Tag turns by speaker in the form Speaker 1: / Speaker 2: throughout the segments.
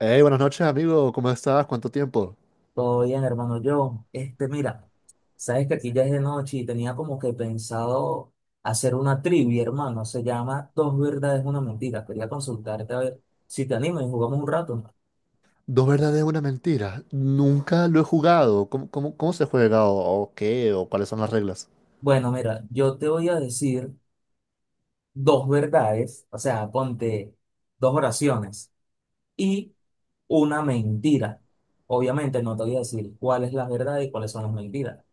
Speaker 1: Hey, buenas noches, amigo. ¿Cómo estás? ¿Cuánto tiempo?
Speaker 2: Todo bien, hermano John. Este, mira, sabes que aquí ya es de noche y tenía como que pensado hacer una trivia, hermano. Se llama Dos verdades, una mentira. Quería consultarte a ver si te animas y jugamos un rato.
Speaker 1: Dos verdades, una mentira. Nunca lo he jugado. ¿Cómo se juega? ¿O qué? ¿O cuáles son las reglas?
Speaker 2: Bueno, mira, yo te voy a decir dos verdades, o sea, ponte dos oraciones. Y una mentira. Obviamente no te voy a decir cuál es la verdad y cuáles son las mentiras.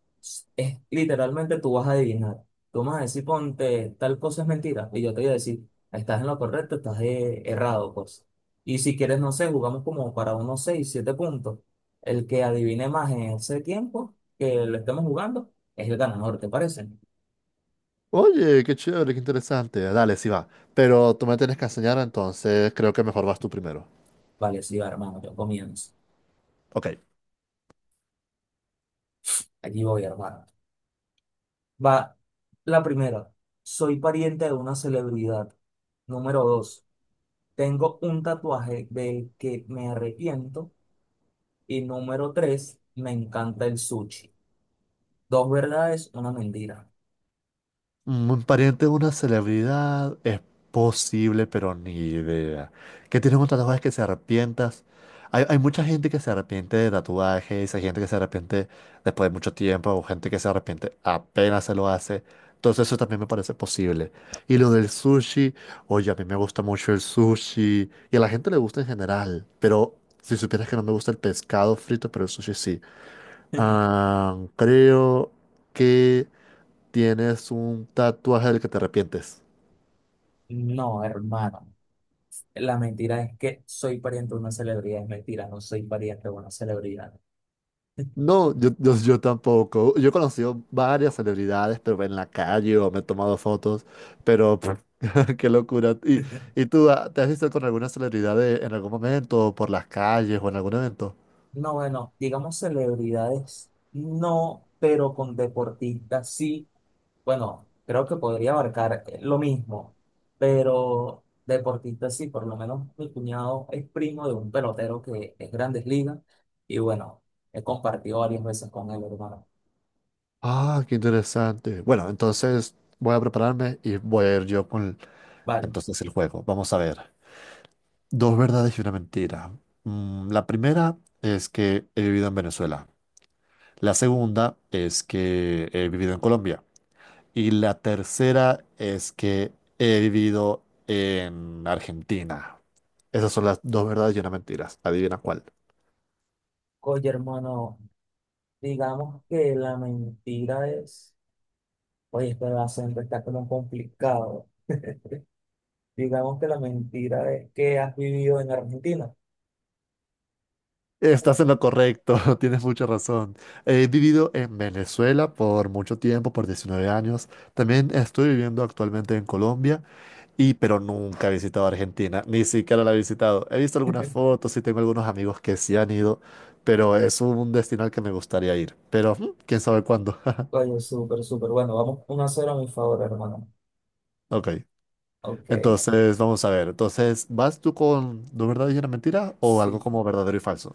Speaker 2: Es literalmente tú vas a adivinar. Tú me vas a decir, ponte, tal cosa es mentira. Y yo te voy a decir, estás en lo correcto, estás errado, pues. Y si quieres, no sé, jugamos como para unos 6 7 puntos. El que adivine más en ese tiempo que lo estemos jugando es el ganador, ¿te parece?
Speaker 1: Oye, qué chévere, qué interesante. Dale, sí va. Pero tú me tienes que enseñar, entonces creo que mejor vas tú primero.
Speaker 2: Vale, sí, va, hermano, yo comienzo.
Speaker 1: Ok.
Speaker 2: Aquí voy, hermano. Va la primera. Soy pariente de una celebridad. Número dos. Tengo un tatuaje del que me arrepiento. Y número tres. Me encanta el sushi. Dos verdades, una mentira.
Speaker 1: Un pariente de una celebridad es posible, pero ni idea. ¿Qué tienes un tatuaje que se arrepientas? Hay mucha gente que se arrepiente de tatuajes, hay gente que se arrepiente después de mucho tiempo, o gente que se arrepiente apenas se lo hace. Entonces eso también me parece posible. Y lo del sushi, oye, a mí me gusta mucho el sushi y a la gente le gusta en general, pero si supieras que no me gusta el pescado frito, pero el sushi sí. Ah, creo que tienes un tatuaje del que te arrepientes.
Speaker 2: No, hermano. La mentira es que soy pariente de una celebridad. Es mentira, no soy pariente de una celebridad.
Speaker 1: No, yo tampoco. Yo he conocido varias celebridades, pero en la calle o me he tomado fotos, pero pff, qué locura. ¿Y, y tú te has visto con alguna celebridad en algún momento, o por las calles o en algún evento?
Speaker 2: No, bueno, digamos celebridades, no, pero con deportistas sí. Bueno, creo que podría abarcar lo mismo, pero deportistas sí, por lo menos mi cuñado es primo de un pelotero que es Grandes Ligas y bueno, he compartido varias veces con él, hermano.
Speaker 1: Ah, qué interesante. Bueno, entonces voy a prepararme y voy a ir yo con
Speaker 2: Vale.
Speaker 1: entonces el juego. Vamos a ver. Dos verdades y una mentira. La primera es que he vivido en Venezuela. La segunda es que he vivido en Colombia. Y la tercera es que he vivido en Argentina. Esas son las dos verdades y una mentira. Adivina cuál.
Speaker 2: Oye, hermano, digamos que la mentira es, oye, este acento está como complicado. Digamos que la mentira es que has vivido en Argentina.
Speaker 1: Estás en lo correcto, tienes mucha razón. He vivido en Venezuela por mucho tiempo, por 19 años. También estoy viviendo actualmente en Colombia, y pero nunca he visitado Argentina, ni siquiera la he visitado. He visto algunas fotos y tengo algunos amigos que sí han ido, pero es un destino al que me gustaría ir. Pero quién sabe cuándo.
Speaker 2: Oye, súper, súper. Bueno, vamos uno a 0 a mi favor, hermano.
Speaker 1: Ok,
Speaker 2: Ok,
Speaker 1: entonces vamos a ver. Entonces, ¿vas tú con no verdad y una mentira o algo
Speaker 2: sí.
Speaker 1: como verdadero y falso?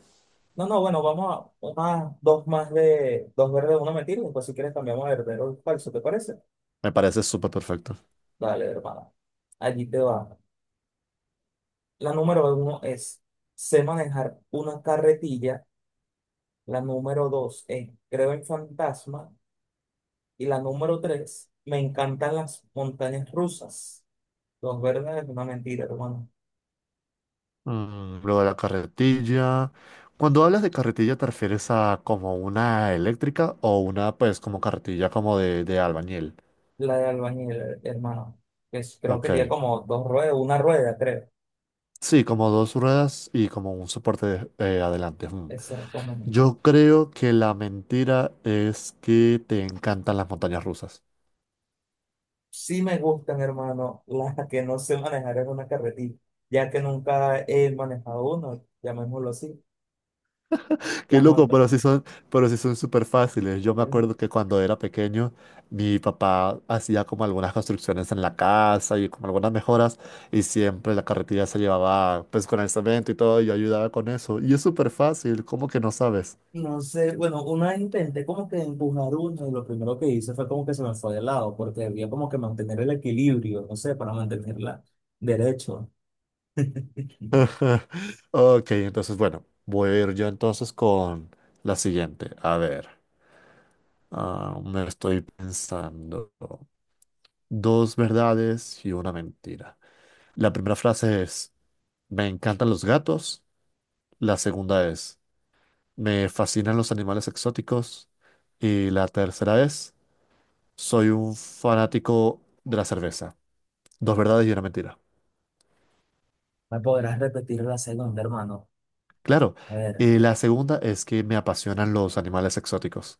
Speaker 2: No, no, bueno, vamos a una, dos más de dos verdes, una mentira. Después, si quieres, cambiamos de verdadero al falso, ¿te parece?
Speaker 1: Me parece súper perfecto.
Speaker 2: Dale, hermano. Allí te va. La número uno es, sé manejar una carretilla. La número dos es, creo en fantasma. Y la número tres, me encantan las montañas rusas. Dos verdes, una mentira, hermano.
Speaker 1: Lo de la carretilla. Cuando hablas de carretilla, ¿te refieres a como una eléctrica o una, pues, como carretilla como de albañil?
Speaker 2: La de albañil, hermano, creo que tiene
Speaker 1: Ok.
Speaker 2: como dos ruedas, una rueda, creo.
Speaker 1: Sí, como dos ruedas y como un soporte adelante. Mm.
Speaker 2: Exactamente.
Speaker 1: Yo creo que la mentira es que te encantan las montañas rusas.
Speaker 2: Sí me gustan, hermano, las que no sé manejar en una carretilla, ya que nunca he manejado uno, llamémoslo así.
Speaker 1: Qué
Speaker 2: Las
Speaker 1: loco,
Speaker 2: monta
Speaker 1: pero sí son súper fáciles. Yo me
Speaker 2: eh,
Speaker 1: acuerdo que cuando era pequeño, mi papá hacía como algunas construcciones en la casa y como algunas mejoras, y siempre la carretilla se llevaba pues con el cemento y todo, y yo ayudaba con eso. Y es súper fácil, ¿cómo que no sabes?
Speaker 2: no sé, bueno, una vez intenté como que empujar uno y lo primero que hice fue como que se me fue de lado, porque debía como que mantener el equilibrio, no sé, para mantenerla derecho.
Speaker 1: Ok, entonces bueno, voy a ir yo entonces con la siguiente. A ver, me estoy pensando. Dos verdades y una mentira. La primera frase es, me encantan los gatos. La segunda es, me fascinan los animales exóticos. Y la tercera es, soy un fanático de la cerveza. Dos verdades y una mentira.
Speaker 2: ¿Me podrás repetir la segunda, hermano?
Speaker 1: Claro.
Speaker 2: A ver.
Speaker 1: Y la segunda es que me apasionan los animales exóticos.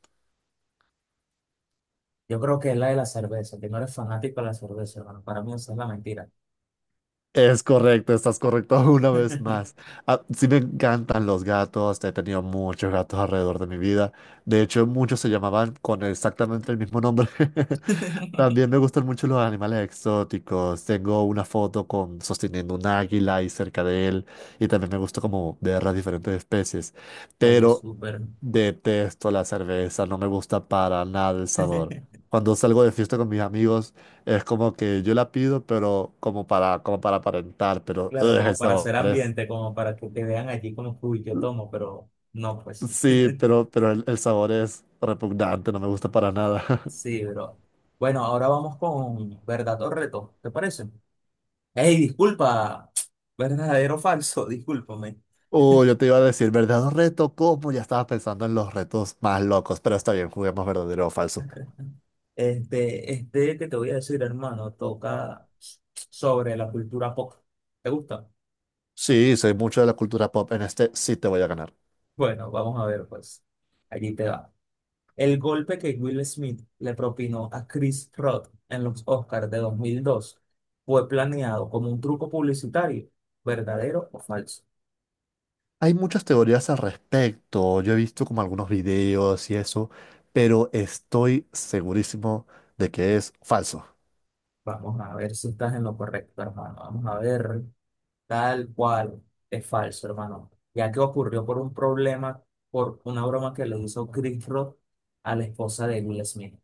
Speaker 2: Yo creo que es la de la cerveza, que no eres fanático de la cerveza, hermano. Para mí esa es la mentira.
Speaker 1: Es correcto, estás correcto una vez más. Ah, sí me encantan los gatos, he tenido muchos gatos alrededor de mi vida. De hecho, muchos se llamaban con exactamente el mismo nombre. También me gustan mucho los animales exóticos. Tengo una foto con sosteniendo un águila y cerca de él. Y también me gusta como ver las diferentes especies.
Speaker 2: Oye,
Speaker 1: Pero
Speaker 2: súper.
Speaker 1: detesto la cerveza, no me gusta para nada el sabor. Cuando salgo de fiesta con mis amigos, es como que yo la pido, pero como para aparentar, pero
Speaker 2: Claro,
Speaker 1: ugh,
Speaker 2: como
Speaker 1: el
Speaker 2: para
Speaker 1: sabor
Speaker 2: hacer
Speaker 1: es.
Speaker 2: ambiente, como para que te vean allí como, uy, yo tomo, pero no, pues sí.
Speaker 1: Sí, pero el sabor es repugnante, no me gusta para nada.
Speaker 2: Sí, bro. Bueno, ahora vamos con verdad o reto, ¿te parece? Ey, disculpa, verdadero o falso, discúlpame.
Speaker 1: Oh, yo te iba a decir, ¿verdadero reto? ¿Cómo? Ya estaba pensando en los retos más locos, pero está bien, juguemos verdadero o falso.
Speaker 2: Este que te voy a decir, hermano, toca sobre la cultura pop. ¿Te gusta?
Speaker 1: Sí, soy mucho de la cultura pop, en este sí te voy a ganar.
Speaker 2: Bueno, vamos a ver, pues. Allí te va. El golpe que Will Smith le propinó a Chris Rock en los Oscars de 2002 fue planeado como un truco publicitario, ¿verdadero o falso?
Speaker 1: Hay muchas teorías al respecto, yo he visto como algunos videos y eso, pero estoy segurísimo de que es falso.
Speaker 2: Vamos a ver si estás en lo correcto, hermano. Vamos a ver tal cual es falso, hermano. Ya que ocurrió por un problema, por una broma que le hizo Chris Rock a la esposa de Will Smith.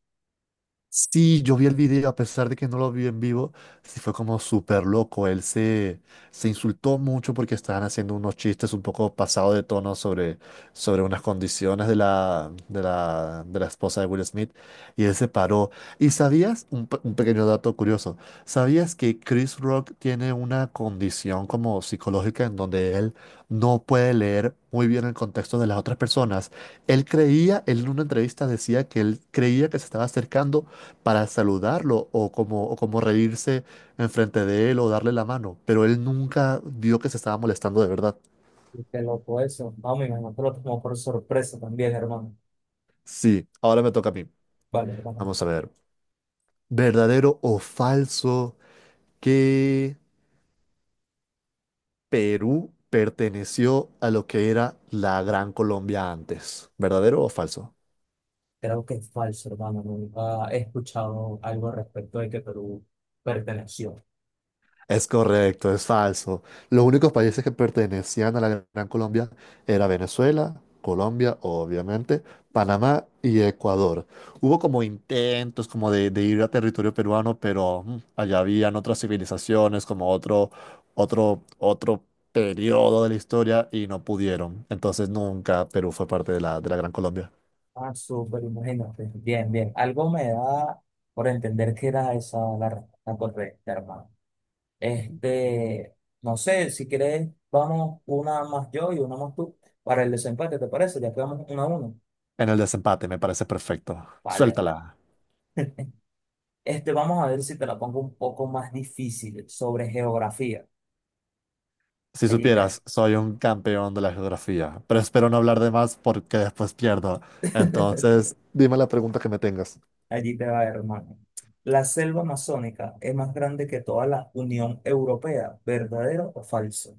Speaker 1: Sí, yo vi el video, a pesar de que no lo vi en vivo, sí fue como súper loco. Él se insultó mucho porque estaban haciendo unos chistes un poco pasados de tono sobre unas condiciones de la esposa de Will Smith y él se paró. ¿Y sabías, un pequeño dato curioso, sabías que Chris Rock tiene una condición como psicológica en donde él no puede leer muy bien el contexto de las otras personas? Él creía, él en una entrevista decía que él creía que se estaba acercando para saludarlo o como reírse enfrente de él o darle la mano, pero él nunca vio que se estaba molestando de verdad.
Speaker 2: Y qué loco eso. Vamos, me imagino que lo tomó por sorpresa también, hermano.
Speaker 1: Sí, ahora me toca a mí.
Speaker 2: Vale, hermano.
Speaker 1: Vamos a ver, ¿verdadero o falso que Perú perteneció a lo que era la Gran Colombia antes? ¿Verdadero o falso?
Speaker 2: Creo que es falso, hermano. Nunca he escuchado algo respecto de que Perú perteneció.
Speaker 1: Es correcto, es falso. Los únicos países que pertenecían a la Gran Colombia era Venezuela, Colombia, obviamente, Panamá y Ecuador. Hubo como intentos como de ir a territorio peruano, pero allá habían otras civilizaciones, como otro periodo de la historia y no pudieron. Entonces nunca Perú fue parte de la Gran Colombia.
Speaker 2: Ah, súper, imagínate. Bien, bien. Algo me da por entender que era esa la respuesta correcta, hermano. Este, no sé, si quieres, vamos una más yo y una más tú para el desempate, ¿te parece? Ya quedamos 1-1.
Speaker 1: En el desempate me parece perfecto.
Speaker 2: Vale.
Speaker 1: Suéltala.
Speaker 2: Este, vamos a ver si te la pongo un poco más difícil sobre geografía.
Speaker 1: Si
Speaker 2: Allí te.
Speaker 1: supieras, soy un campeón de la geografía, pero espero no hablar de más porque después pierdo. Entonces, dime la pregunta que me tengas.
Speaker 2: Allí te va, hermano. La selva amazónica es más grande que toda la Unión Europea, ¿verdadero o falso?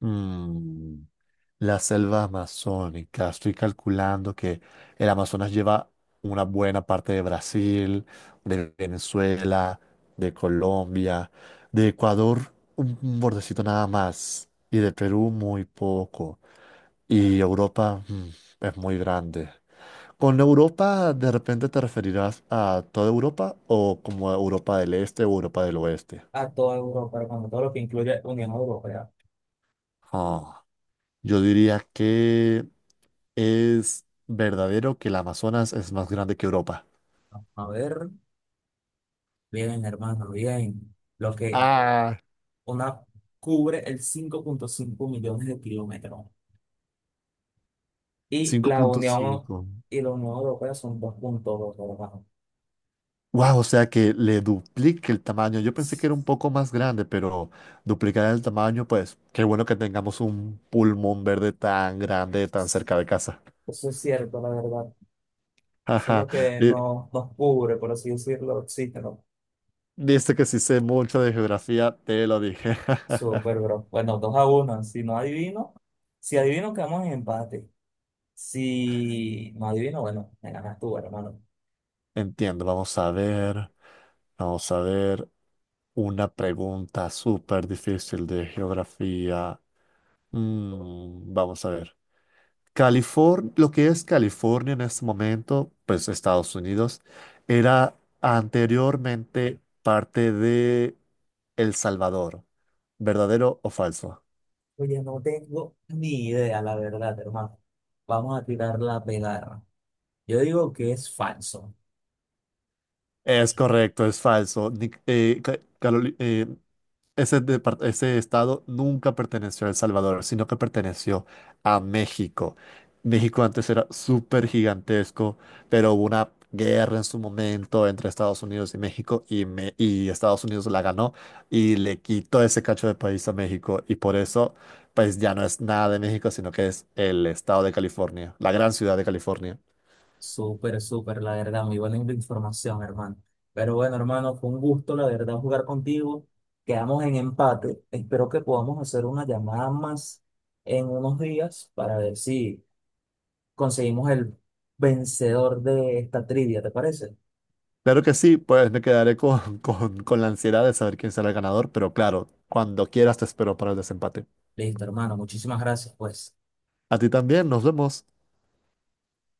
Speaker 1: Mm, la selva amazónica. Estoy calculando que el Amazonas lleva una buena parte de Brasil, de Venezuela, de Colombia, de Ecuador, un bordecito nada más, y de Perú muy poco. Y Europa, es muy grande. Con Europa, ¿de repente te referirás a toda Europa o como a Europa del Este o Europa del Oeste?
Speaker 2: A toda Europa, hermano, todo lo que incluye Unión Europea.
Speaker 1: Ah, yo diría que es verdadero que el Amazonas es más grande que Europa.
Speaker 2: A ver, bien, hermano, bien. Lo que
Speaker 1: Ah,
Speaker 2: una cubre el 5,5 millones de kilómetros. Y la Unión
Speaker 1: 5.5.
Speaker 2: y la Unión Europea son 2,2 hermano.
Speaker 1: Wow, o sea que le duplique el tamaño. Yo pensé que era un poco más grande, pero duplicar el tamaño, pues qué bueno que tengamos un pulmón verde tan grande, tan cerca de casa.
Speaker 2: Eso es cierto, la verdad. Eso es
Speaker 1: Ajá.
Speaker 2: lo que nos cubre, por así decirlo, existe.
Speaker 1: Viste que si sé mucho de geografía, te lo dije.
Speaker 2: Súper, bro. Bueno, 2-1. Si no adivino, si adivino, quedamos en empate. Si no adivino, bueno, me ganas tú, hermano.
Speaker 1: Entiendo, vamos a ver. Vamos a ver una pregunta súper difícil de geografía. Vamos a ver. California, lo que es California en este momento, pues Estados Unidos, era anteriormente parte de El Salvador. ¿Verdadero o falso?
Speaker 2: Oye, no tengo ni idea, la verdad, hermano. Vamos a tirar la pegarra. Yo digo que es falso.
Speaker 1: Es correcto, es falso. Ese estado nunca perteneció a El Salvador, sino que perteneció a México. México antes era súper gigantesco, pero hubo una guerra en su momento entre Estados Unidos y México y Estados Unidos la ganó y le quitó ese cacho de país a México y por eso pues ya no es nada de México, sino que es el estado de California, la gran ciudad de California.
Speaker 2: Súper, súper, la verdad. Muy buena información, hermano. Pero bueno, hermano, fue un gusto, la verdad, jugar contigo. Quedamos en empate. Espero que podamos hacer una llamada más en unos días para ver si conseguimos el vencedor de esta trivia, ¿te parece?
Speaker 1: Claro que sí, pues me quedaré con la ansiedad de saber quién será el ganador, pero claro, cuando quieras te espero para el desempate.
Speaker 2: Listo, hermano, muchísimas gracias, pues.
Speaker 1: A ti también, nos vemos.